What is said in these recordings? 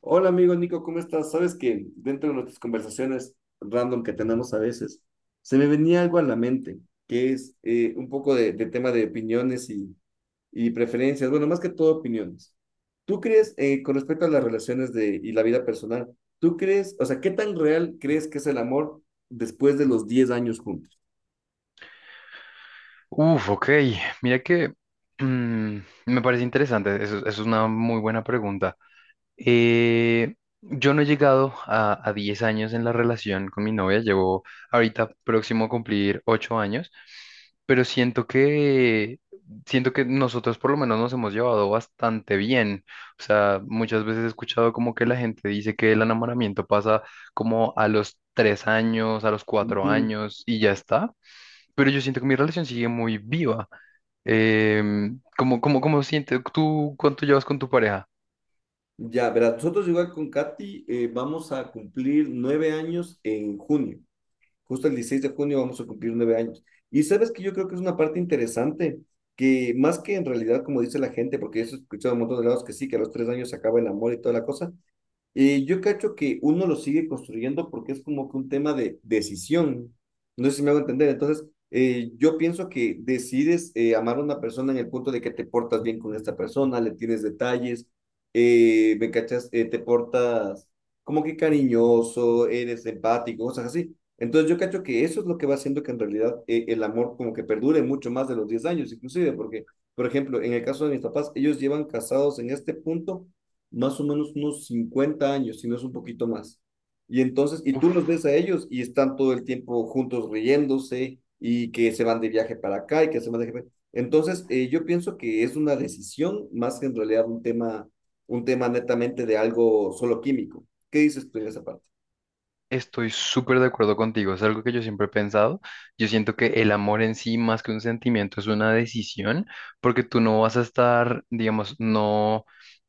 Hola amigo Nico, ¿cómo estás? Sabes que dentro de nuestras conversaciones random que tenemos a veces, se me venía algo a la mente, que es un poco de, tema de opiniones y, preferencias, bueno, más que todo opiniones. ¿Tú crees, con respecto a las relaciones de, y la vida personal, tú crees, o sea, qué tan real crees que es el amor después de los diez años juntos? Uf, ok. Mira que mm, me parece interesante. Eso es una muy buena pregunta. Eh, yo no he llegado a 10 años en la relación con mi novia. Llevo ahorita próximo a cumplir 8 años, pero siento que nosotros por lo menos nos hemos llevado bastante bien. O sea, muchas veces he escuchado como que la gente dice que el enamoramiento pasa como a los 3 años, a los cuatro Ujú. años y ya está. Pero yo siento que mi relación sigue muy viva. ¿Cómo sientes tú cuánto llevas con tu pareja? Ya, verás, nosotros igual con Katy vamos a cumplir 9 años en junio. Justo el 16 de junio vamos a cumplir 9 años. Y sabes que yo creo que es una parte interesante, que más que en realidad, como dice la gente, porque yo he escuchado a un montón de lados que sí, que a los 3 años se acaba el amor y toda la cosa, yo cacho que uno lo sigue construyendo porque es como que un tema de decisión. No sé si me hago entender. Entonces, yo pienso que decides amar a una persona en el punto de que te portas bien con esta persona, le tienes detalles, me cachas, te portas como que cariñoso, eres empático, cosas así. Entonces, yo cacho que eso es lo que va haciendo que en realidad el amor como que perdure mucho más de los 10 años, inclusive, porque, por ejemplo, en el caso de mis papás, ellos llevan casados en este punto más o menos unos 50 años, si no es un poquito más. Y entonces, y tú los Uf, ves a ellos y están todo el tiempo juntos riéndose y que se van de viaje para acá y que se van de viaje. Entonces, yo pienso que es una decisión más que en realidad un tema netamente de algo solo químico. ¿Qué dices tú en esa parte? estoy súper de acuerdo contigo, es algo que yo siempre he pensado. Yo siento que el amor en sí, más que un sentimiento, es una decisión, porque tú no vas a estar, digamos, no.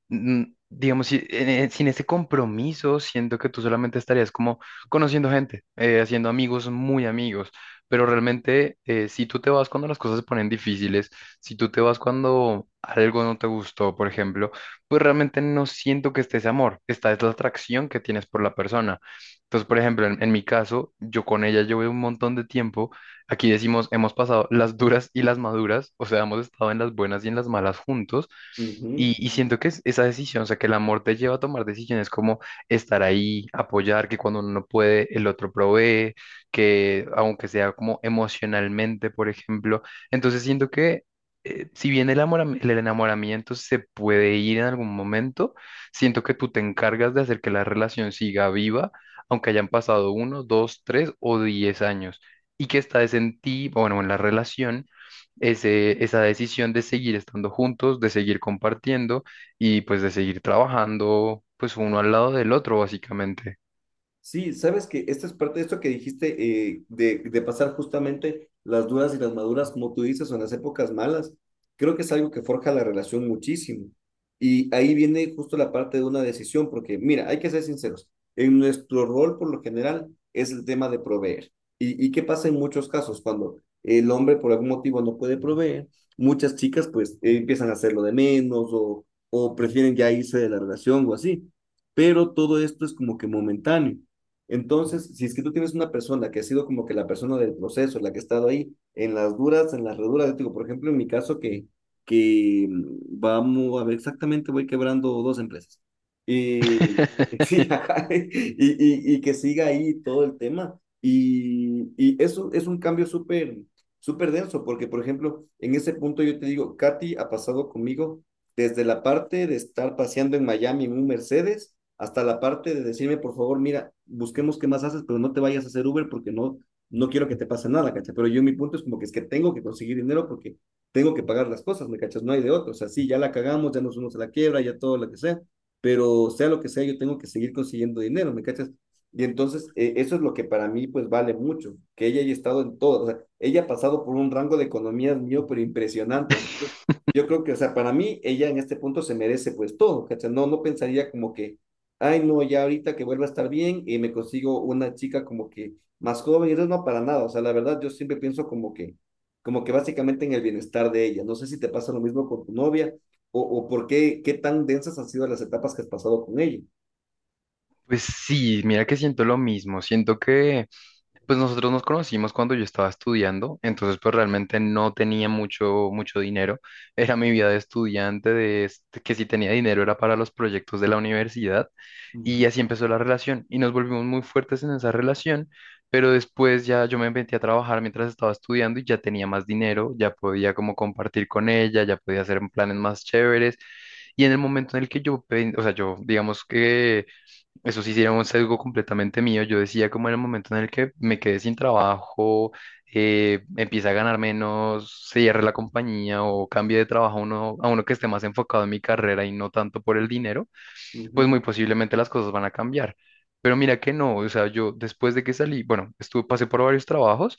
Digamos, sin ese compromiso, siento que tú solamente estarías como conociendo gente, haciendo amigos muy amigos, pero realmente si tú te vas cuando las cosas se ponen difíciles, si tú te vas cuando algo no te gustó, por ejemplo, pues realmente no siento que esté ese amor, esta es la atracción que tienes por la persona. Entonces, por ejemplo, en mi caso, yo con ella llevo un montón de tiempo. Aquí decimos, hemos pasado las duras y las maduras, o sea, hemos estado en las buenas y en las malas juntos. Y siento que es esa decisión, o sea, que el amor te lleva a tomar decisiones como estar ahí, apoyar, que cuando uno no puede, el otro provee, que aunque sea como emocionalmente, por ejemplo. Entonces siento que si bien el amor, el enamoramiento se puede ir en algún momento, siento que tú te encargas de hacer que la relación siga viva, aunque hayan pasado uno, dos, tres o diez años y que está es en ti, bueno, en la relación, ese, esa decisión de seguir estando juntos, de seguir compartiendo y pues de seguir trabajando, pues uno al lado del otro, básicamente. Sí, sabes que esta es parte de esto que dijiste, de, pasar justamente las duras y las maduras, como tú dices, o en las épocas malas. Creo que es algo que forja la relación muchísimo. Y ahí viene justo la parte de una decisión, porque mira, hay que ser sinceros. En nuestro rol, por lo general, es el tema de proveer. ¿Y qué pasa en muchos casos? Cuando el hombre por algún motivo no puede proveer, muchas chicas pues empiezan a hacerlo de menos o, prefieren ya irse de la relación o así. Pero todo esto es como que momentáneo. Entonces, si es que tú tienes una persona que ha sido como que la persona del proceso, la que ha estado ahí en las duras, en las reduras, yo te digo, por ejemplo, en mi caso que mm, vamos a ver exactamente, voy quebrando dos empresas. Y, sí, ajá, y que siga ahí todo el tema. Y eso es un cambio súper, súper denso, porque, por ejemplo, en ese punto yo te digo, Katy ha pasado conmigo desde la parte de estar paseando en Miami en un Mercedes hasta la parte de decirme, por favor, mira, busquemos qué más haces, pero no te vayas a hacer Uber porque no, no quiero que te pase nada, ¿cachai? Pero yo mi punto es como que es que tengo que conseguir dinero porque tengo que pagar las cosas, ¿me cachas? No hay de otro. O sea, sí, ya la cagamos, ya nos unos a la quiebra, ya todo lo que sea, pero sea lo que sea, yo tengo que seguir consiguiendo dinero, ¿me cachas? Y entonces, eso es lo que para mí, pues, vale mucho, que ella haya estado en todo, o sea, ella ha pasado por un rango de economías mío, pero impresionante, yo creo que, o sea, para mí, ella en este punto se merece pues todo, ¿cachai? No, no pensaría como que, ay, no, ya ahorita que vuelva a estar bien y me consigo una chica como que más joven, y eso no para nada, o sea, la verdad, yo siempre pienso como que, básicamente en el bienestar de ella. No sé si te pasa lo mismo con tu novia o, por qué, qué tan densas han sido las etapas que has pasado con ella. Pues sí, mira que siento lo mismo, siento que pues nosotros nos conocimos cuando yo estaba estudiando, entonces pues realmente no tenía mucho, mucho dinero. Era mi vida de estudiante, de que si tenía dinero era para los proyectos de la universidad y Ujú, así empezó la relación y nos volvimos muy fuertes en esa relación, pero después ya yo me metí a trabajar mientras estaba estudiando y ya tenía más dinero, ya podía como compartir con ella, ya podía hacer planes más chéveres y en el momento en el que yo, o sea, yo digamos que... Eso sí, sí era un sesgo completamente mío. Yo decía como en el momento en el que me quedé sin trabajo, empieza a ganar menos, se cierre la compañía o cambie de trabajo a uno que esté más enfocado en mi carrera y no tanto por el dinero pues ujú. muy posiblemente las cosas van a cambiar. Pero mira que no, o sea, yo después de que salí, bueno, estuve, pasé por varios trabajos,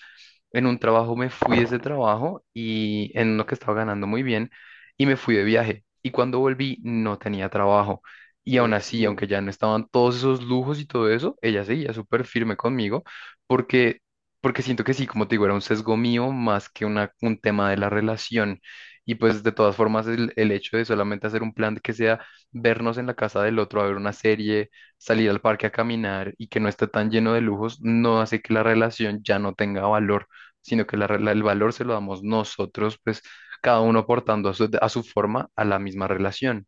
en un trabajo me fui de ese trabajo y en uno que estaba ganando muy bien y me fui de viaje. Y cuando volví no tenía trabajo. Y aún así, aunque ya no estaban todos esos lujos y todo eso, ella seguía súper firme conmigo porque, porque siento que sí, como te digo, era un sesgo mío más que una, un tema de la relación. Y pues de todas formas, el hecho de solamente hacer un plan que sea vernos en la casa del otro a ver una serie, salir al parque a caminar y que no esté tan lleno de lujos, no hace que la relación ya no tenga valor, sino que el valor se lo damos nosotros, pues cada uno aportando a su forma a la misma relación.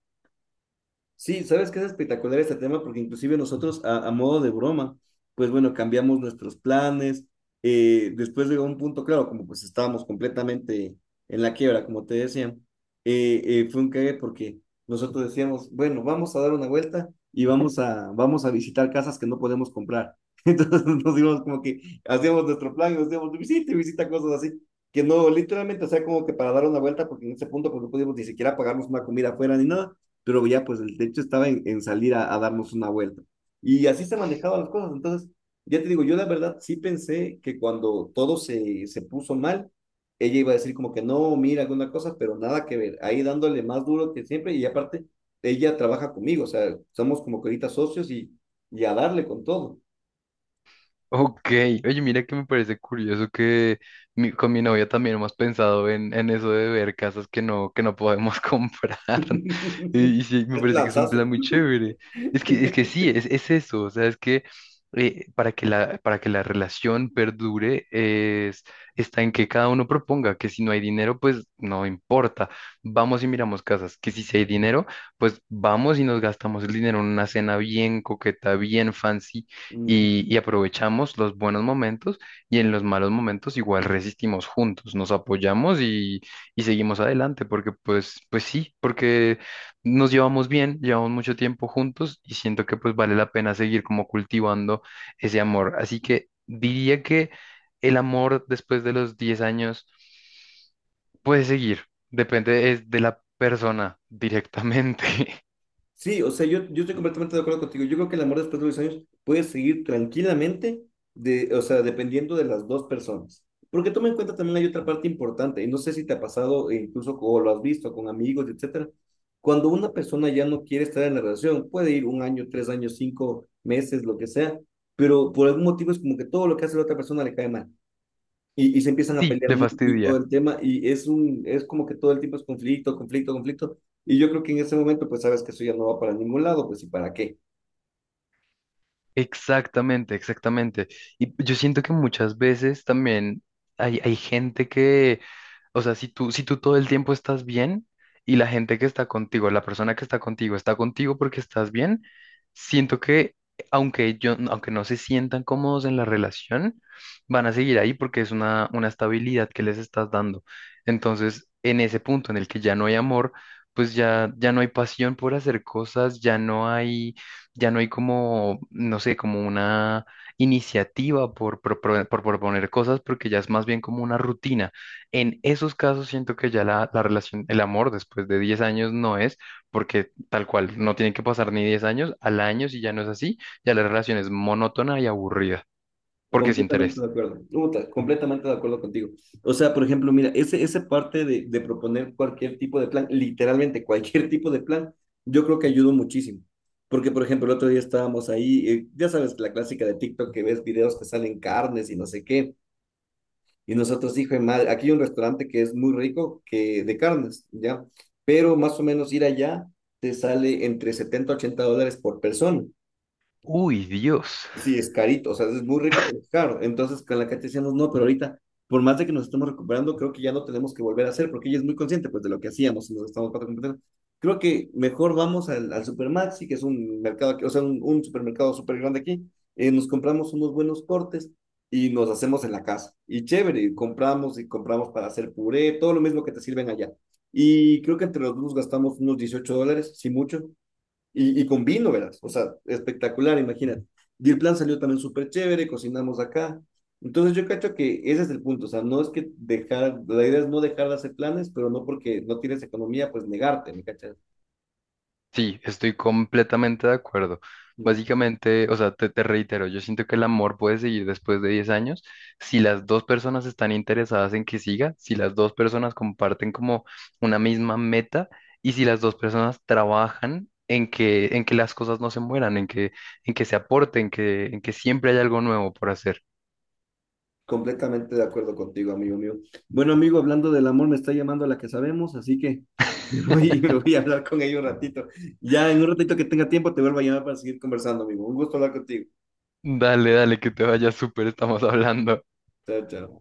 Sí, sabes que es espectacular este tema porque inclusive nosotros a, modo de broma, pues bueno, cambiamos nuestros planes. Después llegó un punto, claro, como pues estábamos completamente en la quiebra, como te decía, fue un cague porque nosotros decíamos, bueno, vamos a dar una vuelta y vamos a visitar casas que no podemos comprar. Entonces nos dimos como que hacíamos nuestro plan y nos íbamos de visita y visita cosas así, que no, literalmente, o sea, como que para dar una vuelta porque en ese punto pues no podíamos ni siquiera pagarnos una comida afuera ni nada, pero ya pues el techo estaba en, salir a, darnos una vuelta. Y así se manejaban las cosas. Entonces, ya te digo, yo la verdad sí pensé que cuando todo se, puso mal, ella iba a decir como que no, mira alguna cosa, pero nada que ver, ahí dándole más duro que siempre y aparte, ella trabaja conmigo, o sea, somos como que ahorita socios y a darle con todo. Ok, oye, mira que me parece curioso que con mi novia también hemos pensado en eso de ver casas que no podemos comprar. Y sí, me Es parece que es un lanzazo. plan muy chévere. Es que sí, es eso. O sea, es que para que la relación perdure está en que cada uno proponga, que si no hay dinero, pues no importa. Vamos y miramos casas, que si sí hay dinero, pues vamos y nos gastamos el dinero en una cena bien coqueta, bien fancy Ujú. y aprovechamos los buenos momentos y en los malos momentos igual resistimos juntos, nos apoyamos y seguimos adelante, porque pues, pues sí, porque nos llevamos bien, llevamos mucho tiempo juntos y siento que pues vale la pena seguir como cultivando ese amor. Así que diría que el amor después de los 10 años puede seguir, depende es de la persona directamente. Sí, o sea, yo, estoy completamente de acuerdo contigo. Yo creo que el amor después de los años puede seguir tranquilamente, de, o sea, dependiendo de las dos personas. Porque toma en cuenta también hay otra parte importante, y no sé si te ha pasado, e incluso o lo has visto con amigos, etcétera. Cuando una persona ya no quiere estar en la relación, puede ir un año, 3 años, 5 meses, lo que sea, pero por algún motivo es como que todo lo que hace la otra persona le cae mal y se empiezan a Sí, pelear le mucho y todo fastidia. el tema, y es un, es como que todo el tiempo es conflicto, conflicto, conflicto, y yo creo que en ese momento pues sabes que eso ya no va para ningún lado, pues ¿y para qué? Exactamente, exactamente. Y yo siento que muchas veces también hay gente que, o sea, si tú todo el tiempo estás bien y la gente que está contigo, la persona que está contigo porque estás bien, siento que aunque yo, aunque no se sientan cómodos en la relación, van a seguir ahí porque es una estabilidad que les estás dando. Entonces, en ese punto en el que ya no hay amor, pues ya, ya no hay pasión por hacer cosas, ya no hay como, no sé, como una iniciativa por proponer cosas porque ya es más bien como una rutina. En esos casos siento que ya la relación, el amor después de 10 años no es, porque tal cual, no tiene que pasar ni 10 años, al año si ya no es así, ya la relación es monótona y aburrida, porque es Completamente interés. de acuerdo, Uta, completamente de acuerdo contigo. O sea, por ejemplo, mira, esa parte de, proponer cualquier tipo de plan, literalmente cualquier tipo de plan, yo creo que ayudó muchísimo. Porque, por ejemplo, el otro día estábamos ahí, ya sabes, la clásica de TikTok que ves videos que salen carnes y no sé qué. Y nosotros, hijo de madre, aquí hay un restaurante que es muy rico, que de carnes, ¿ya? Pero más o menos ir allá te sale entre 70 a $80 por persona. Uy, Dios. Sí, es carito, o sea, es muy rico, pero es caro. Entonces, con la Katy decíamos, no, pero ahorita, por más de que nos estemos recuperando, creo que ya no tenemos que volver a hacer, porque ella es muy consciente, pues, de lo que hacíamos y nos estamos completando. Creo que mejor vamos al, Supermaxi, que es un mercado, aquí, o sea, un, supermercado súper grande aquí, nos compramos unos buenos cortes y nos hacemos en la casa. Y chévere, y compramos para hacer puré, todo lo mismo que te sirven allá. Y creo que entre los dos gastamos unos $18, si mucho, y con vino, verás. O sea, espectacular, imagínate. Y el plan salió también súper chévere, cocinamos acá. Entonces yo cacho que ese es el punto, o sea, no es que dejar, la idea es no dejar de hacer planes, pero no porque no tienes economía, pues negarte, ¿me cachas? Sí, estoy completamente de acuerdo. Mm. Básicamente, o sea, te reitero, yo siento que el amor puede seguir después de 10 años si las dos personas están interesadas en que siga, si las dos personas comparten como una misma meta y si las dos personas trabajan en que las cosas no se mueran, en que se aporten, que, en que siempre hay algo nuevo por hacer. Completamente de acuerdo contigo, amigo mío. Bueno, amigo, hablando del amor, me está llamando la que sabemos, así que me voy, me voy a hablar con ella un ratito. Ya en un ratito que tenga tiempo, te vuelvo a llamar para seguir conversando, amigo. Un gusto hablar contigo. Dale, dale, que te vaya súper, estamos hablando. Chao, chao.